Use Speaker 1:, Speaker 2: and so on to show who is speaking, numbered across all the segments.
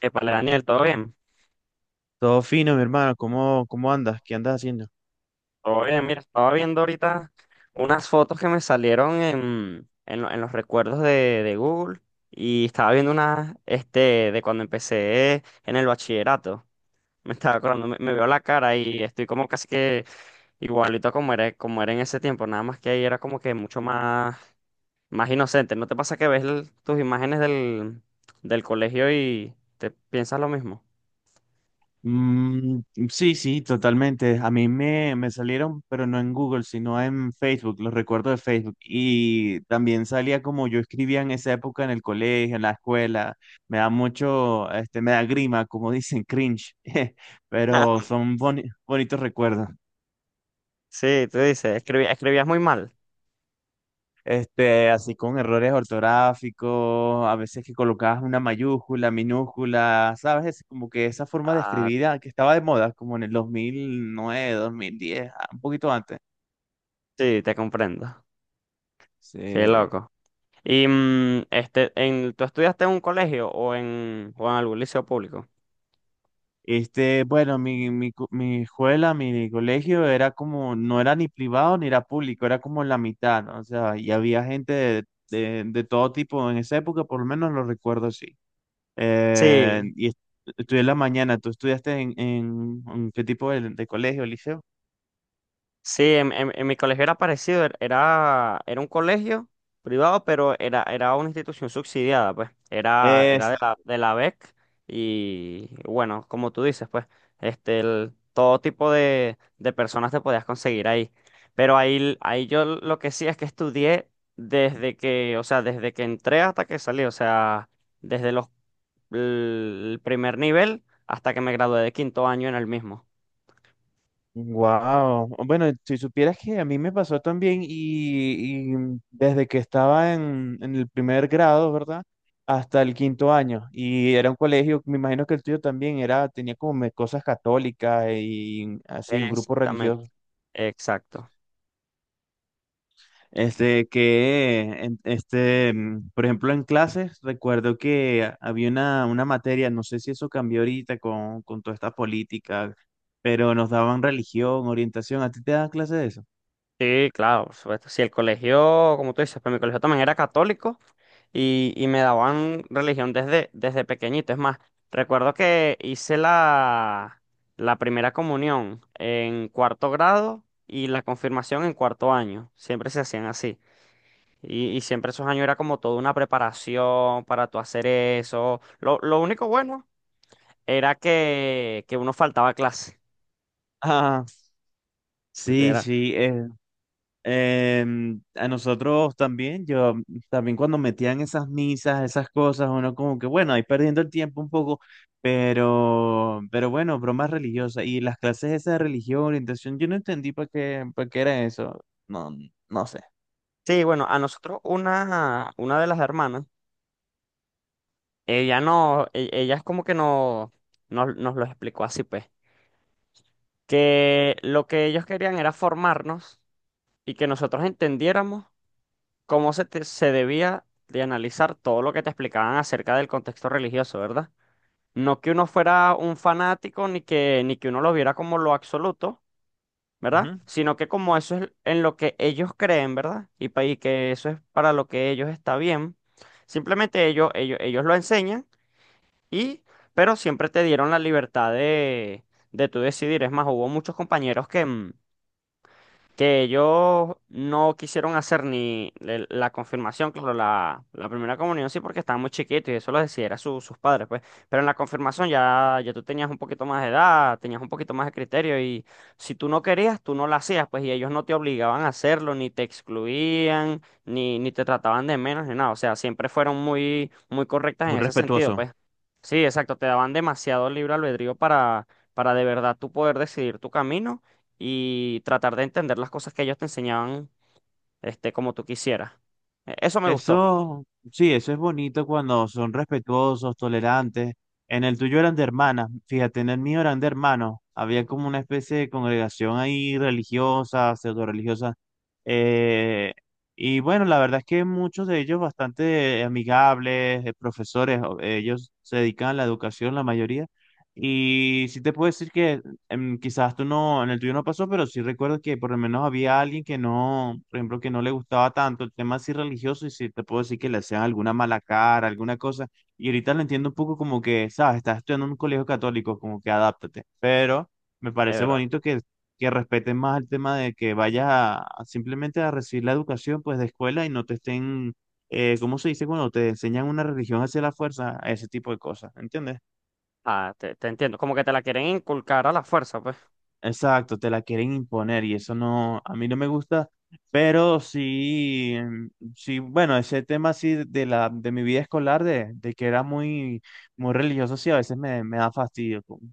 Speaker 1: Epale, Daniel, ¿todo bien?
Speaker 2: Todo fino, mi hermano. ¿¿Cómo andas? ¿Qué andas haciendo?
Speaker 1: Todo bien, mira, estaba viendo ahorita unas fotos que me salieron en los recuerdos de Google y estaba viendo unas de cuando empecé en el bachillerato. Me estaba acordando, me veo la cara y estoy como casi que igualito como era en ese tiempo, nada más que ahí era como que mucho más, más inocente. ¿No te pasa que ves tus imágenes del colegio y te piensas lo mismo?
Speaker 2: Mm, sí, sí, totalmente. A mí me salieron, pero no en Google, sino en Facebook, los recuerdos de Facebook. Y también salía como yo escribía en esa época en el colegio, en la escuela. Me da mucho, me da grima, como dicen, cringe. Pero son bonitos recuerdos.
Speaker 1: Sí, tú dices, escribías muy mal.
Speaker 2: Este, así con errores ortográficos, a veces que colocabas una mayúscula, minúscula, ¿sabes? Es como que esa forma de
Speaker 1: Ah,
Speaker 2: escribir que estaba de moda, como en el 2009, 2010, un poquito antes.
Speaker 1: Sí, te comprendo. Qué
Speaker 2: Sí.
Speaker 1: loco. Y ¿tú estudiaste en un colegio o o en algún liceo público?
Speaker 2: Bueno, mi escuela, mi colegio era como, no era ni privado ni era público, era como la mitad, ¿no? O sea, y había gente de todo tipo en esa época, por lo menos lo recuerdo así.
Speaker 1: Sí,
Speaker 2: Y estudié en la mañana. ¿Tú estudiaste en, en qué tipo de colegio, liceo?
Speaker 1: Sí, en mi colegio era parecido, era un colegio privado, pero era una institución subsidiada, pues, era
Speaker 2: Exacto.
Speaker 1: de la BEC. Y bueno, como tú dices, pues, todo tipo de personas te podías conseguir ahí. Pero ahí yo lo que sí es que estudié desde que, o sea, desde que entré hasta que salí, o sea, desde los, el primer nivel hasta que me gradué de quinto año en el mismo.
Speaker 2: Wow. Bueno, si supieras que a mí me pasó también y desde que estaba en el primer grado, ¿verdad? Hasta el quinto año. Y era un colegio, me imagino que el tuyo también era, tenía como cosas católicas y así, un grupo
Speaker 1: Exactamente,
Speaker 2: religioso.
Speaker 1: exacto.
Speaker 2: Este, que, por ejemplo, en clases, recuerdo que había una materia, no sé si eso cambió ahorita con toda esta política, pero nos daban religión, orientación. ¿A ti te dan clases de eso?
Speaker 1: Sí, claro, por supuesto. Si el colegio, como tú dices, pero mi colegio también era católico y me daban religión desde pequeñito. Es más, recuerdo que hice la primera comunión en cuarto grado y la confirmación en cuarto año. Siempre se hacían así. Y siempre esos años era como toda una preparación para tú hacer eso. Lo único bueno era que uno faltaba a clase.
Speaker 2: Ah, sí,
Speaker 1: Era-
Speaker 2: sí. A nosotros también, yo también cuando metían esas misas, esas cosas, uno como que bueno, ahí perdiendo el tiempo un poco, pero bueno, bromas religiosas y las clases esas de religión, orientación, yo no entendí para qué era eso, no, no sé.
Speaker 1: Sí, bueno, a nosotros una de las hermanas. Ella no, e- ella es como que no, nos lo explicó así, pues, que lo que ellos querían era formarnos y que nosotros entendiéramos cómo se, se debía de analizar todo lo que te explicaban acerca del contexto religioso, ¿verdad? No que uno fuera un fanático ni que, ni que uno lo viera como lo absoluto, ¿verdad?
Speaker 2: Ujú.
Speaker 1: Sino que como eso es en lo que ellos creen, ¿verdad? Y, y que eso es para lo que ellos está bien. Simplemente ellos lo enseñan. Y, pero siempre te dieron la libertad de tú decidir. Es más, hubo muchos compañeros que, que ellos no quisieron hacer ni la confirmación, claro, la primera comunión sí porque estaban muy chiquitos y eso lo decidiera sus padres, pues, pero en la confirmación ya tú tenías un poquito más de edad, tenías un poquito más de criterio y si tú no querías, tú no la hacías, pues, y ellos no te obligaban a hacerlo, ni te excluían, ni, ni te trataban de menos, ni nada, o sea, siempre fueron muy, muy correctas en
Speaker 2: Muy
Speaker 1: ese sentido,
Speaker 2: respetuoso.
Speaker 1: pues. Sí, exacto, te daban demasiado libre albedrío para de verdad tú poder decidir tu camino y tratar de entender las cosas que ellos te enseñaban, como tú quisieras. E- Eso me gustó,
Speaker 2: Eso, sí, eso es bonito cuando son respetuosos, tolerantes. En el tuyo eran de hermanas, fíjate, en el mío eran de hermanos. Había como una especie de congregación ahí religiosa, pseudo religiosa. Eh, y bueno, la verdad es que muchos de ellos bastante amigables, profesores, ellos se dedican a la educación, la mayoría. Y sí te puedo decir que quizás tú no, en el tuyo no pasó, pero sí recuerdo que por lo menos había alguien que no, por ejemplo, que no le gustaba tanto el tema así religioso y sí te puedo decir que le hacían alguna mala cara, alguna cosa. Y ahorita lo entiendo un poco como que, sabes, estás estudiando en un colegio católico, como que adáptate. Pero me
Speaker 1: es
Speaker 2: parece
Speaker 1: verdad.
Speaker 2: bonito que respeten más el tema de que vayas a simplemente a recibir la educación pues de escuela y no te estén, ¿cómo se dice? Cuando te enseñan una religión hacia la fuerza, ese tipo de cosas, ¿entiendes?
Speaker 1: Ah, te entiendo. Como que te la quieren inculcar a la fuerza, pues.
Speaker 2: Exacto, te la quieren imponer y eso no, a mí no me gusta, pero sí, sí, bueno, ese tema sí de mi vida escolar, de que era muy, muy religioso, sí, a veces me da fastidio.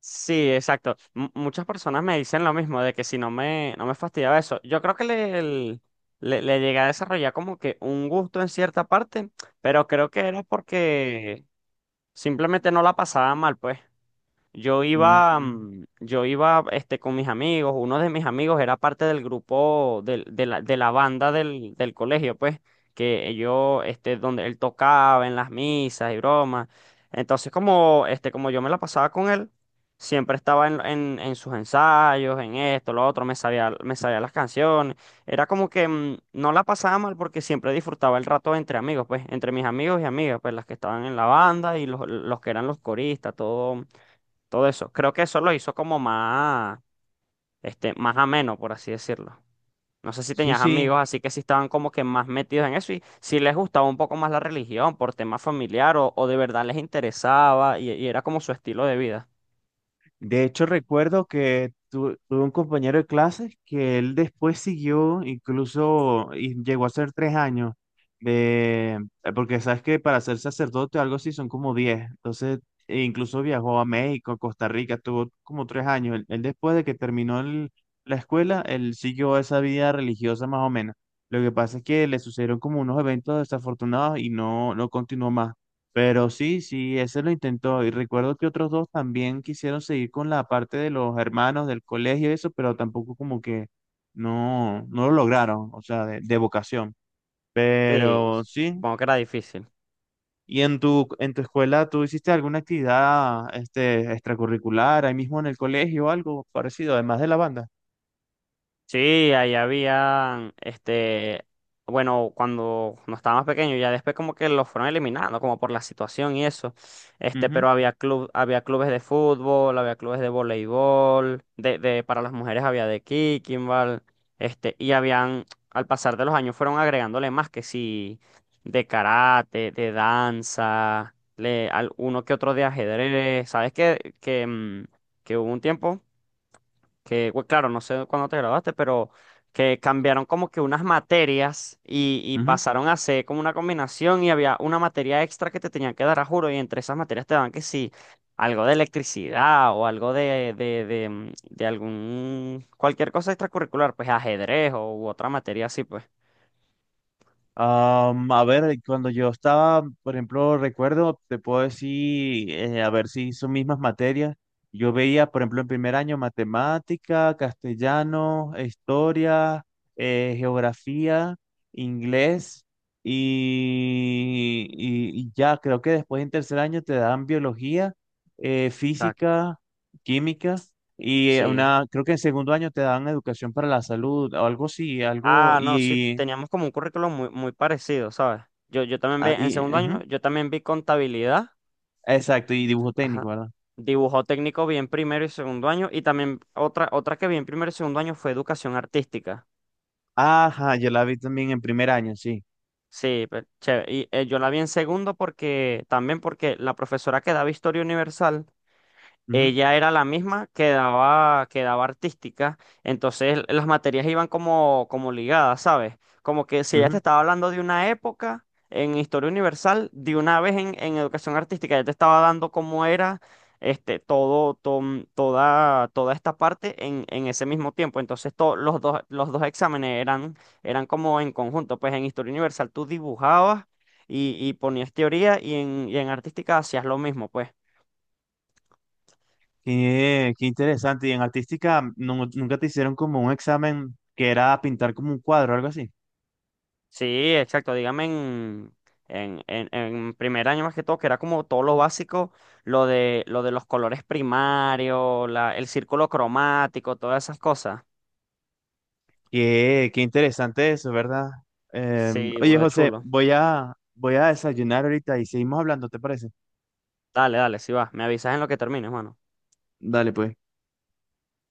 Speaker 1: Sí, exacto. M- muchas personas me dicen lo mismo, de que si no me, no me fastidiaba eso. Yo creo que le llegué a desarrollar como que un gusto en cierta parte, pero creo que era porque simplemente no la pasaba mal, pues.
Speaker 2: mm,
Speaker 1: Yo iba con mis amigos, uno de mis amigos era parte del grupo de la banda del colegio, pues, que yo, este, donde él tocaba en las misas y bromas. Entonces, como yo me la pasaba con él, siempre estaba en sus ensayos, en esto, lo otro, me sabía las canciones. Era como que no la pasaba mal porque siempre disfrutaba el rato entre amigos, pues, entre mis amigos y amigas, pues, las que estaban en la banda y los que eran los coristas, todo eso. Creo que eso lo hizo como más, más ameno, por así decirlo. No sé si
Speaker 2: sí,
Speaker 1: tenías amigos,
Speaker 2: sí,
Speaker 1: así que sí estaban como que más metidos en eso y si les gustaba un poco más la religión por tema familiar o de verdad les interesaba y era como su estilo de vida.
Speaker 2: de hecho, recuerdo que tuve un compañero de clases que él después siguió, incluso y llegó a ser 3 años, de, porque sabes que para ser sacerdote o algo así son como diez. Entonces, e incluso viajó a México, a Costa Rica, tuvo como 3 años. Él después de que terminó la escuela, él siguió esa vida religiosa más o menos. Lo que pasa es que le sucedieron como unos eventos desafortunados y no, no continuó más. Pero sí, sí, ese lo intentó. Y recuerdo que otros dos también quisieron seguir con la parte de los hermanos del colegio y eso, pero tampoco como que no, no lo lograron, o sea, de vocación.
Speaker 1: Sí.
Speaker 2: Pero sí.
Speaker 1: Supongo que era difícil.
Speaker 2: ¿Y en tu escuela tú hiciste alguna actividad este, extracurricular ahí mismo en el colegio o algo parecido, además de la banda?
Speaker 1: Sí, ahí había, bueno, cuando no estaba más pequeño, ya después como que los fueron eliminando, como por la situación y eso,
Speaker 2: Ujú,
Speaker 1: pero había club, había clubes de fútbol, había clubes de voleibol, para las mujeres había de kickingball, y habían, al pasar de los años fueron agregándole más que sí, de karate, de danza, uno que otro de ajedrez, ¿sabes qué? Que, que hubo un tiempo que, bueno, claro, no sé cuándo te graduaste, pero que cambiaron como que unas materias y
Speaker 2: ujú.
Speaker 1: pasaron a ser como una combinación y había una materia extra que te tenían que dar a juro y entre esas materias te daban que sí, algo de electricidad o algo de algún, cualquier cosa extracurricular, pues ajedrez o u otra materia así, pues.
Speaker 2: A ver, cuando yo estaba, por ejemplo, recuerdo, te puedo decir, a ver si son mismas materias. Yo veía, por ejemplo, en primer año matemática, castellano, historia, geografía, inglés y ya, creo que después en tercer año te dan biología,
Speaker 1: Exacto.
Speaker 2: física, química y
Speaker 1: Sí.
Speaker 2: una, creo que en segundo año te dan educación para la salud o algo así, algo
Speaker 1: Ah, no, sí,
Speaker 2: y...
Speaker 1: teníamos como un currículum muy, muy parecido, ¿sabes? Yo también vi,
Speaker 2: ah,
Speaker 1: en
Speaker 2: y
Speaker 1: segundo año,
Speaker 2: ujú.
Speaker 1: yo también vi contabilidad.
Speaker 2: Exacto, y dibujo
Speaker 1: Ajá.
Speaker 2: técnico, ¿verdad?
Speaker 1: Dibujo técnico bien primero y segundo año. Y también otra que vi en primero y segundo año fue educación artística.
Speaker 2: Ajá, yo la vi también en primer año, sí.
Speaker 1: Sí, pe- chévere. Y yo la vi en segundo porque, también porque la profesora que daba historia universal
Speaker 2: Ujú,
Speaker 1: ella era la misma que daba artística, entonces las materias iban como, como ligadas, ¿sabes? Como que si ella te
Speaker 2: ujú.
Speaker 1: estaba hablando de una época en historia universal, de una vez en educación artística, ella te estaba dando cómo era toda esta parte en ese mismo tiempo. Entonces los dos exámenes eran como en conjunto, pues en historia universal tú dibujabas y ponías teoría y en artística hacías lo mismo, pues.
Speaker 2: Qué, qué interesante. Y en artística, nunca te hicieron como un examen que era pintar como un cuadro o algo así.
Speaker 1: Sí, exacto. Dígame en primer año más que todo, que era como todo lo básico, lo de los colores primarios, el círculo cromático, todas esas cosas.
Speaker 2: Qué, qué interesante eso, ¿verdad?
Speaker 1: Sí,
Speaker 2: Oye,
Speaker 1: burda de
Speaker 2: José,
Speaker 1: chulo.
Speaker 2: voy voy a desayunar ahorita y seguimos hablando, ¿te parece?
Speaker 1: Dale, dale, sí va. Me avisas en lo que termines, mano.
Speaker 2: Dale, pues.